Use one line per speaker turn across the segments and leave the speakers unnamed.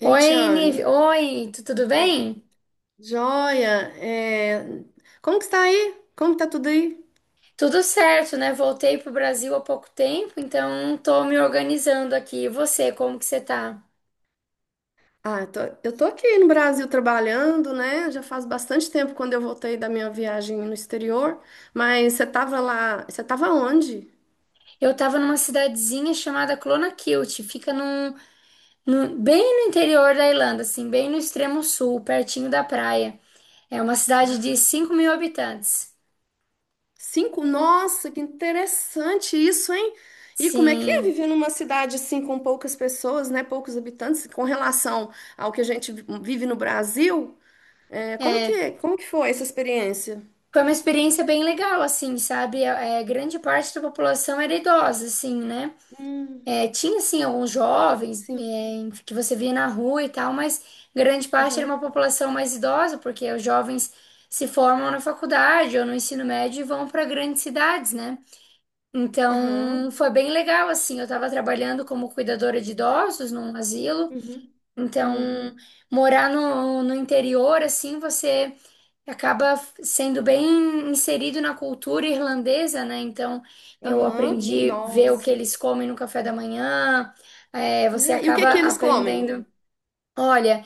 Ei,
Oi, Nive.
Tiane.
Oi, tudo bem?
Joia, é, como que está aí? Como que tá tudo aí?
Tudo certo, né? Voltei pro Brasil há pouco tempo, então tô me organizando aqui. E você, como que você tá?
Ah, eu tô aqui no Brasil trabalhando, né? Já faz bastante tempo quando eu voltei da minha viagem no exterior, mas você tava onde?
Eu tava numa cidadezinha chamada Clonakilty, fica bem no interior da Irlanda, assim, bem no extremo sul, pertinho da praia. É uma cidade de 5.000 habitantes.
Cinco? Nossa, que interessante isso, hein? E como é que é
Sim,
viver numa cidade assim com poucas pessoas, né? Poucos habitantes, com relação ao que a gente vive no Brasil? É, como
é.
que, como que foi essa experiência?
Foi uma experiência bem legal, assim, sabe? Grande parte da população era idosa, assim, né?
Hum,
É, tinha sim alguns jovens
sim.
que você via na rua e tal, mas grande parte era uma população mais idosa, porque os jovens se formam na faculdade ou no ensino médio e vão para grandes cidades, né?
Aham.
Então foi bem legal assim. Eu estava trabalhando como cuidadora de idosos num asilo,
Uhum.
então
Uhum.
morar no interior assim você acaba sendo bem inserido na cultura irlandesa, né? Então eu
Aham.
aprendi a ver o que
Nossa.
eles comem no café da manhã. É, você
É, e o que
acaba
que eles comem?
aprendendo. Olha,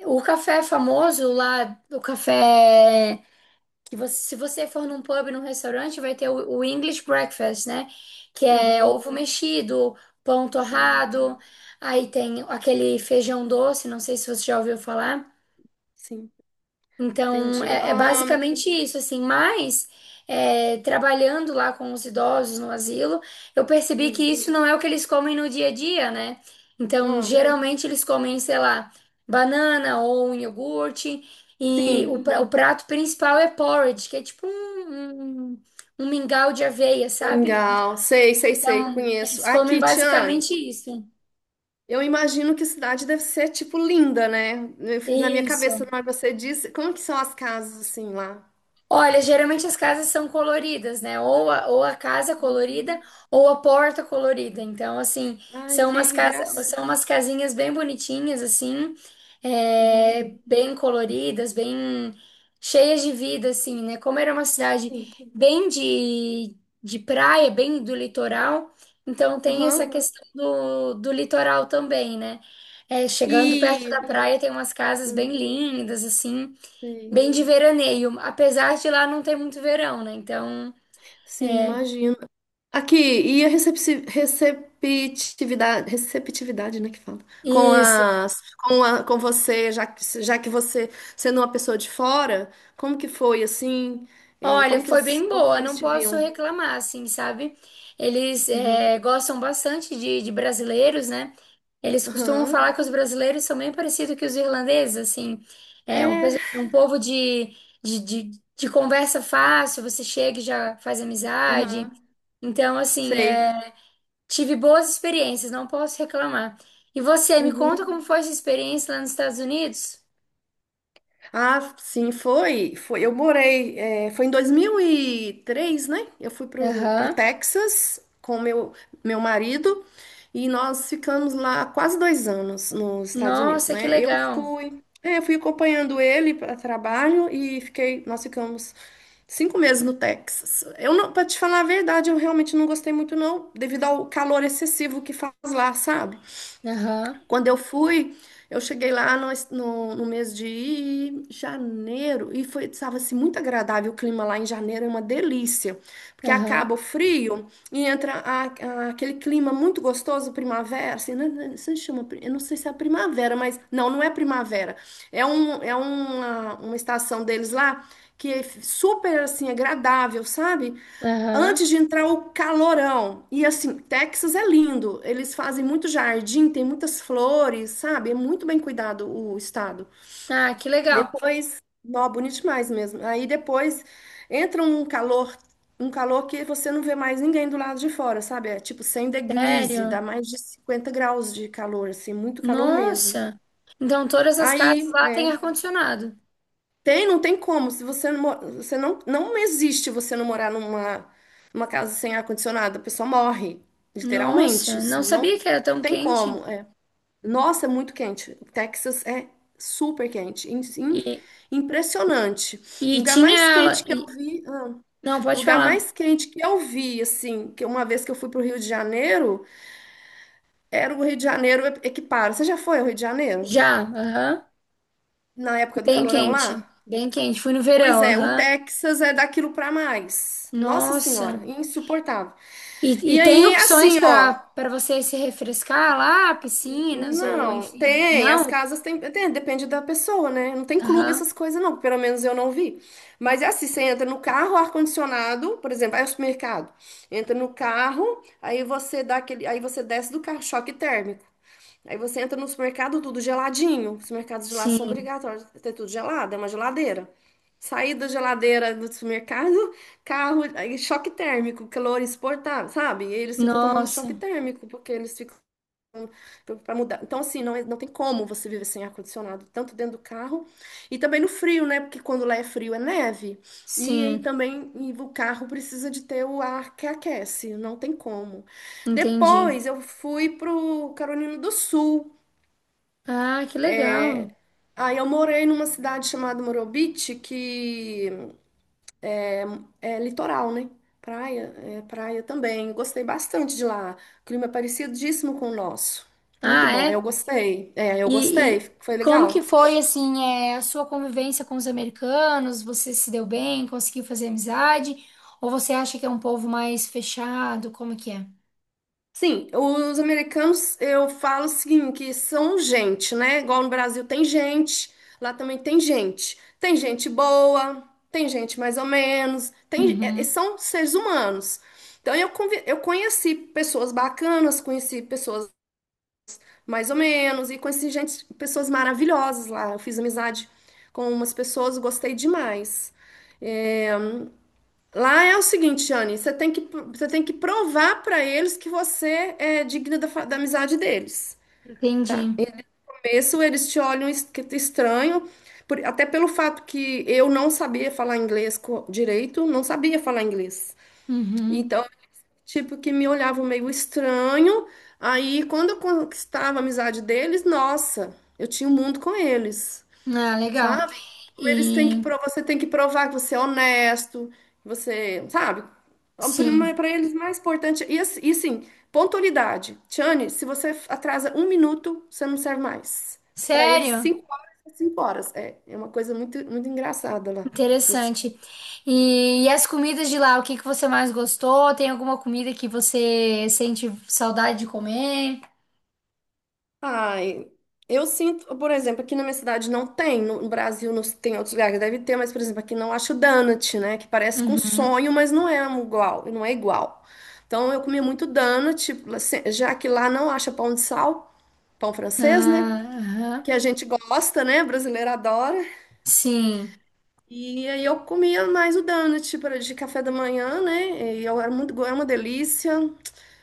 o café famoso lá, o café que você, se você for num pub, num restaurante, vai ter o English breakfast, né? Que é
Uhum.
ovo mexido, pão
Ah, tá.
torrado, aí tem aquele feijão doce, não sei se você já ouviu falar.
Sim.
Então,
Entendi.
é
Ah,
basicamente isso, assim, mas é, trabalhando lá com os idosos no asilo, eu percebi que
hum.
isso não é o que eles comem no dia a dia, né? Então,
Ah,
geralmente eles comem, sei lá, banana ou um iogurte, e
sim.
o prato principal é porridge, que é tipo um mingau de aveia, sabe?
Mingau. Sei, sei, sei.
Então,
Conheço.
eles comem
Aqui, Tiane.
basicamente isso.
Eu imagino que a cidade deve ser, tipo, linda, né? Eu fiz na minha cabeça,
Isso.
na hora que você disse, como que são as casas, assim, lá?
Olha, geralmente as casas são coloridas, né? Ou a casa
Hum.
colorida ou a porta colorida. Então, assim,
Ai,
são umas
que
casas,
graça.
são umas casinhas bem bonitinhas, assim,
Uhum.
é, bem coloridas, bem cheias de vida, assim, né? Como era uma cidade
Sim.
bem de, de praia, bem do litoral, então tem essa
Aham.
questão do litoral também, né? É, chegando perto
E...
da praia tem umas casas bem
hum,
lindas, assim.
sei.
Bem de veraneio, apesar de lá não ter muito verão, né? Então,
Sim, imagino. Aqui, e a receptividade, né, que fala? Com
isso.
as, com a, com você, já que você, sendo uma pessoa de fora, como que foi, assim,
Olha,
como que,
foi
eles-
bem
como que
boa,
eles
não
te
posso
viam?
reclamar, assim, sabe? Eles
Uhum.
é, gostam bastante de brasileiros, né? Eles costumam
Aham.
falar que os brasileiros são bem parecidos que os irlandeses, assim. É
É,
é um povo de, de, de conversa fácil, você chega e já faz amizade.
aham,
Então, assim,
sei.
é, tive boas experiências, não posso reclamar. E você, me conta
Uhum.
como foi essa experiência lá nos Estados Unidos?
Ah, sim, foi. Foi. Eu morei, foi em 2003, né? Eu fui pro
Aham.
Texas com meu marido e nós ficamos lá quase 2 anos nos Estados Unidos,
Nossa, que
né? Eu
legal.
fui, é, eu fui acompanhando ele para trabalho e nós ficamos 5 meses no Texas. Eu não, Para te falar a verdade, eu realmente não gostei muito não, devido ao calor excessivo que faz lá, sabe?
Aham.
Quando eu fui, eu cheguei lá no mês de janeiro e estava assim, muito agradável o clima lá em janeiro, é uma delícia, porque
Aham.
acaba o frio e entra aquele clima muito gostoso, primavera, assim, né, se chama, eu não sei se é primavera, mas não, não é primavera, é, uma estação deles lá que é super, assim, agradável, sabe?
Aham.
Antes de entrar o calorão. E assim, Texas é lindo. Eles fazem muito jardim, tem muitas flores, sabe? É muito bem cuidado o estado.
Ah, que legal.
Depois, nó, bonito demais mesmo. Aí depois entra um calor que você não vê mais ninguém do lado de fora, sabe? É tipo 100 degrees,
Sério?
dá mais de 50 graus de calor, assim, muito calor mesmo.
Nossa. Então todas as casas
Aí
lá têm ar-condicionado.
Tem, não tem como. Se você não, mo- você não, Não existe você não morar numa casa sem ar-condicionado, a pessoa morre, literalmente.
Nossa, não
Assim, não
sabia que era tão
tem
quente.
como. É. Nossa, é muito quente. O Texas é super quente, in- in-
E,
impressionante. O
e
lugar
tinha
mais quente
ela.
que eu
e-
vi, ah,
não,
o
pode
lugar
falar.
mais quente que eu vi, assim, que uma vez que eu fui pro Rio de Janeiro, era o Rio de Janeiro equiparo. Você já foi ao Rio de Janeiro?
Já. Aham.
Na época do
Bem
calorão lá?
quente. Bem quente. Fui no
Pois
verão.
é, o
Aham.
Texas é daquilo pra mais. Nossa
Nossa.
Senhora, insuportável.
E
E
tem
aí,
opções
assim,
para
ó,
você se refrescar lá, piscinas ou
não,
enfim.
tem, as
Não?
casas tem, depende da pessoa, né? Não tem clube
Aham.
essas coisas não, pelo menos eu não vi. Mas é assim, você entra no carro, ar-condicionado, por exemplo, vai ao supermercado, entra no carro, aí você dá aquele, aí você desce do carro, choque térmico. Aí você entra no supermercado, tudo geladinho. Os mercados gelados são
Sim.
obrigatórios a ter tudo gelado, é uma geladeira. Sair da geladeira do supermercado, carro, aí choque térmico, calor exportado, sabe? E eles ficam tomando
Nossa,
choque térmico, porque eles ficam para mudar. Então, assim, não, não tem como você viver sem ar-condicionado, tanto dentro do carro e também no frio, né? Porque quando lá é frio é neve. E aí
sim,
também e o carro precisa de ter o ar que aquece, não tem como.
entendi.
Depois eu fui pro Carolina do Sul.
Ah, que legal.
Aí eu morei numa cidade chamada Morobit, que é litoral, né? Praia, é praia também. Eu gostei bastante de lá. O clima é parecidíssimo com o nosso. Muito
Ah,
bom. Eu
é?
gostei. É, eu gostei.
E,
Foi
e como que
legal.
foi, assim, é, a sua convivência com os americanos? Você se deu bem? Conseguiu fazer amizade? Ou você acha que é um povo mais fechado? Como que é?
Sim, os americanos, eu falo o seguinte, que são gente, né? Igual no Brasil tem gente, lá também tem gente. Tem gente boa, tem gente mais ou menos,
Uhum,
são seres humanos. Então eu conheci pessoas bacanas, conheci pessoas mais ou menos, e pessoas maravilhosas lá. Eu fiz amizade com umas pessoas, gostei demais. É, lá é o seguinte, Anne, você tem que provar para eles que você é digna da amizade deles, tá?
entendi.
Em começo, eles te olham estranho, até pelo fato que eu não sabia falar inglês direito, não sabia falar inglês.
Uhum.
Então, tipo, que me olhavam meio estranho. Aí, quando eu conquistava a amizade deles, nossa, eu tinha um mundo com eles,
Ah, legal.
sabe? Então eles têm que
E,
provar, você tem que provar que você é honesto, que você, sabe?
sim.
Para eles, mais importante. E, assim, pontualidade. Tiane, se você atrasa um minuto, você não serve mais. Para eles,
Sério?
5 horas é 5 horas. É, é uma coisa muito, muito engraçada lá.
Interessante. E as comidas de lá, o que que você mais gostou? Tem alguma comida que você sente saudade de comer?
Ai, eu sinto, por exemplo, aqui na minha cidade não tem, no Brasil não, tem outros lugares que deve ter, mas, por exemplo, aqui não acho donut, né? Que parece com
Uhum.
sonho, mas não é um igual, não é igual. Então eu comia muito donut, assim, já que lá não acha pão de sal, pão francês, né?
Ah, aham.
Que a gente gosta, né? Brasileiro adora.
Sim.
E aí eu comia mais o donut para de café da manhã, né? E eu era muito, go- é uma delícia.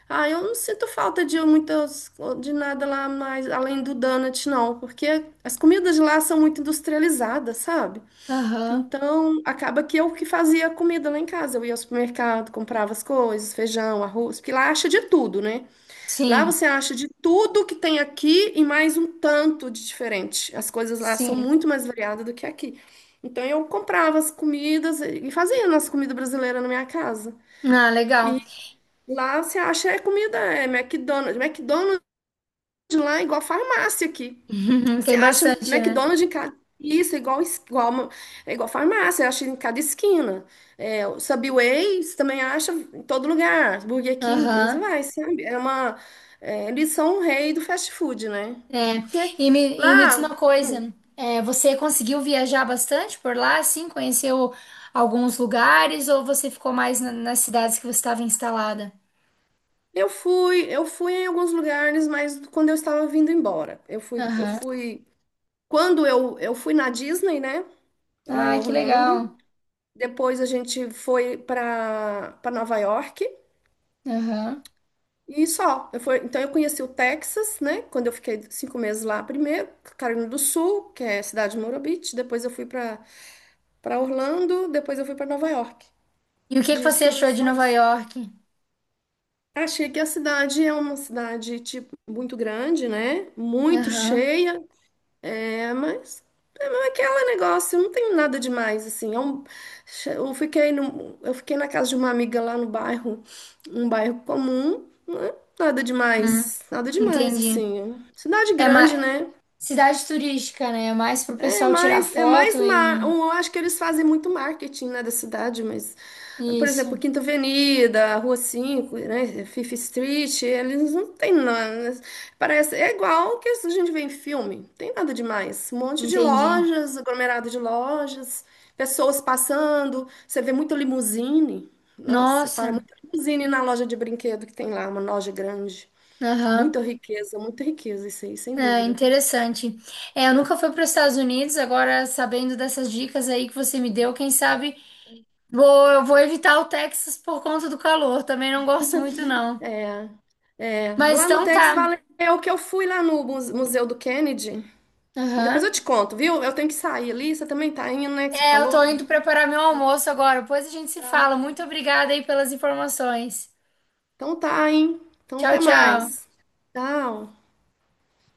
Ah, eu não sinto falta de de nada lá mais além do donut, não, porque as comidas lá são muito industrializadas, sabe?
Aham.
Então, acaba que eu que fazia a comida lá em casa. Eu ia ao supermercado, comprava as coisas, feijão, arroz, porque lá acha de tudo, né? Lá
Sim.
você acha de tudo que tem aqui e mais um tanto de diferente. As coisas lá são
Sim.
muito mais variadas do que aqui. Então, eu comprava as comidas e fazia nossa comida brasileira na minha casa.
Ah, legal.
Lá você acha é comida, é McDonald's. McDonald's lá é igual farmácia aqui. Você
Tem
acha
bastante, né?
McDonald's em cada. Isso, é igual, é igual farmácia, acha em cada esquina. É, o Subway você também acha em todo lugar. Burger King, aí você
Aham.
vai, sabe? Eles são o rei do fast food, né?
É.
Porque
E me diz uma
lá
coisa, é, você conseguiu viajar bastante por lá, assim? Conheceu alguns lugares ou você ficou mais nas cidades que você estava instalada?
eu fui em alguns lugares, mas quando eu estava vindo embora. Eu fui, eu
Aham.
fui. Quando eu fui na Disney, né? Lá em
Ah, que
Orlando.
legal.
Depois a gente foi para Nova York
Aham.
e só. Então eu conheci o Texas, né? Quando eu fiquei 5 meses lá primeiro, Carolina do Sul, que é a cidade de Murray Beach. Depois eu fui para Orlando, depois eu fui para Nova York.
E o que que você
Disso,
achou de
só
Nova
isso.
York?
Achei que a cidade é uma cidade tipo muito grande, né? Muito
Aham.
cheia. É, mas mas aquele negócio, não tem nada demais, assim. Eu fiquei no, eu fiquei na casa de uma amiga lá no bairro, um bairro comum, né? Nada
Hum,
demais, nada demais,
entendi.
assim. Cidade
É
grande,
mais
né?
cidade turística, né? É mais pro pessoal tirar foto e
Eu acho que eles fazem muito marketing, né, da cidade, mas, por
isso.
exemplo, Quinta Avenida, Rua 5, né, Fifth Street, eles não tem nada. É igual o que a gente vê em filme, não tem nada demais. Um monte de
Entendi.
lojas, aglomerado de lojas, pessoas passando, você vê muita limusine. Nossa,
Nossa.
para muita limusine na loja de brinquedo que tem lá, uma loja grande.
Aham.
Muita riqueza, isso aí, sem
É
dúvida.
interessante. É, eu nunca fui para os Estados Unidos, agora sabendo dessas dicas aí que você me deu, quem sabe vou, eu vou evitar o Texas por conta do calor. Também não gosto muito, não.
É.
Mas
Lá no
então
Tex
tá.
Valeu, que eu fui lá no Museu do Kennedy. Mas depois eu te
Aham.
conto, viu? Eu tenho que sair ali. Você também tá indo, né? Que você
É, eu tô
falou?
indo preparar meu almoço agora. Depois a gente se
Tá.
fala. Muito obrigada aí pelas informações.
Então tá, hein? Então
Tchau,
até
tchau.
mais. Tchau.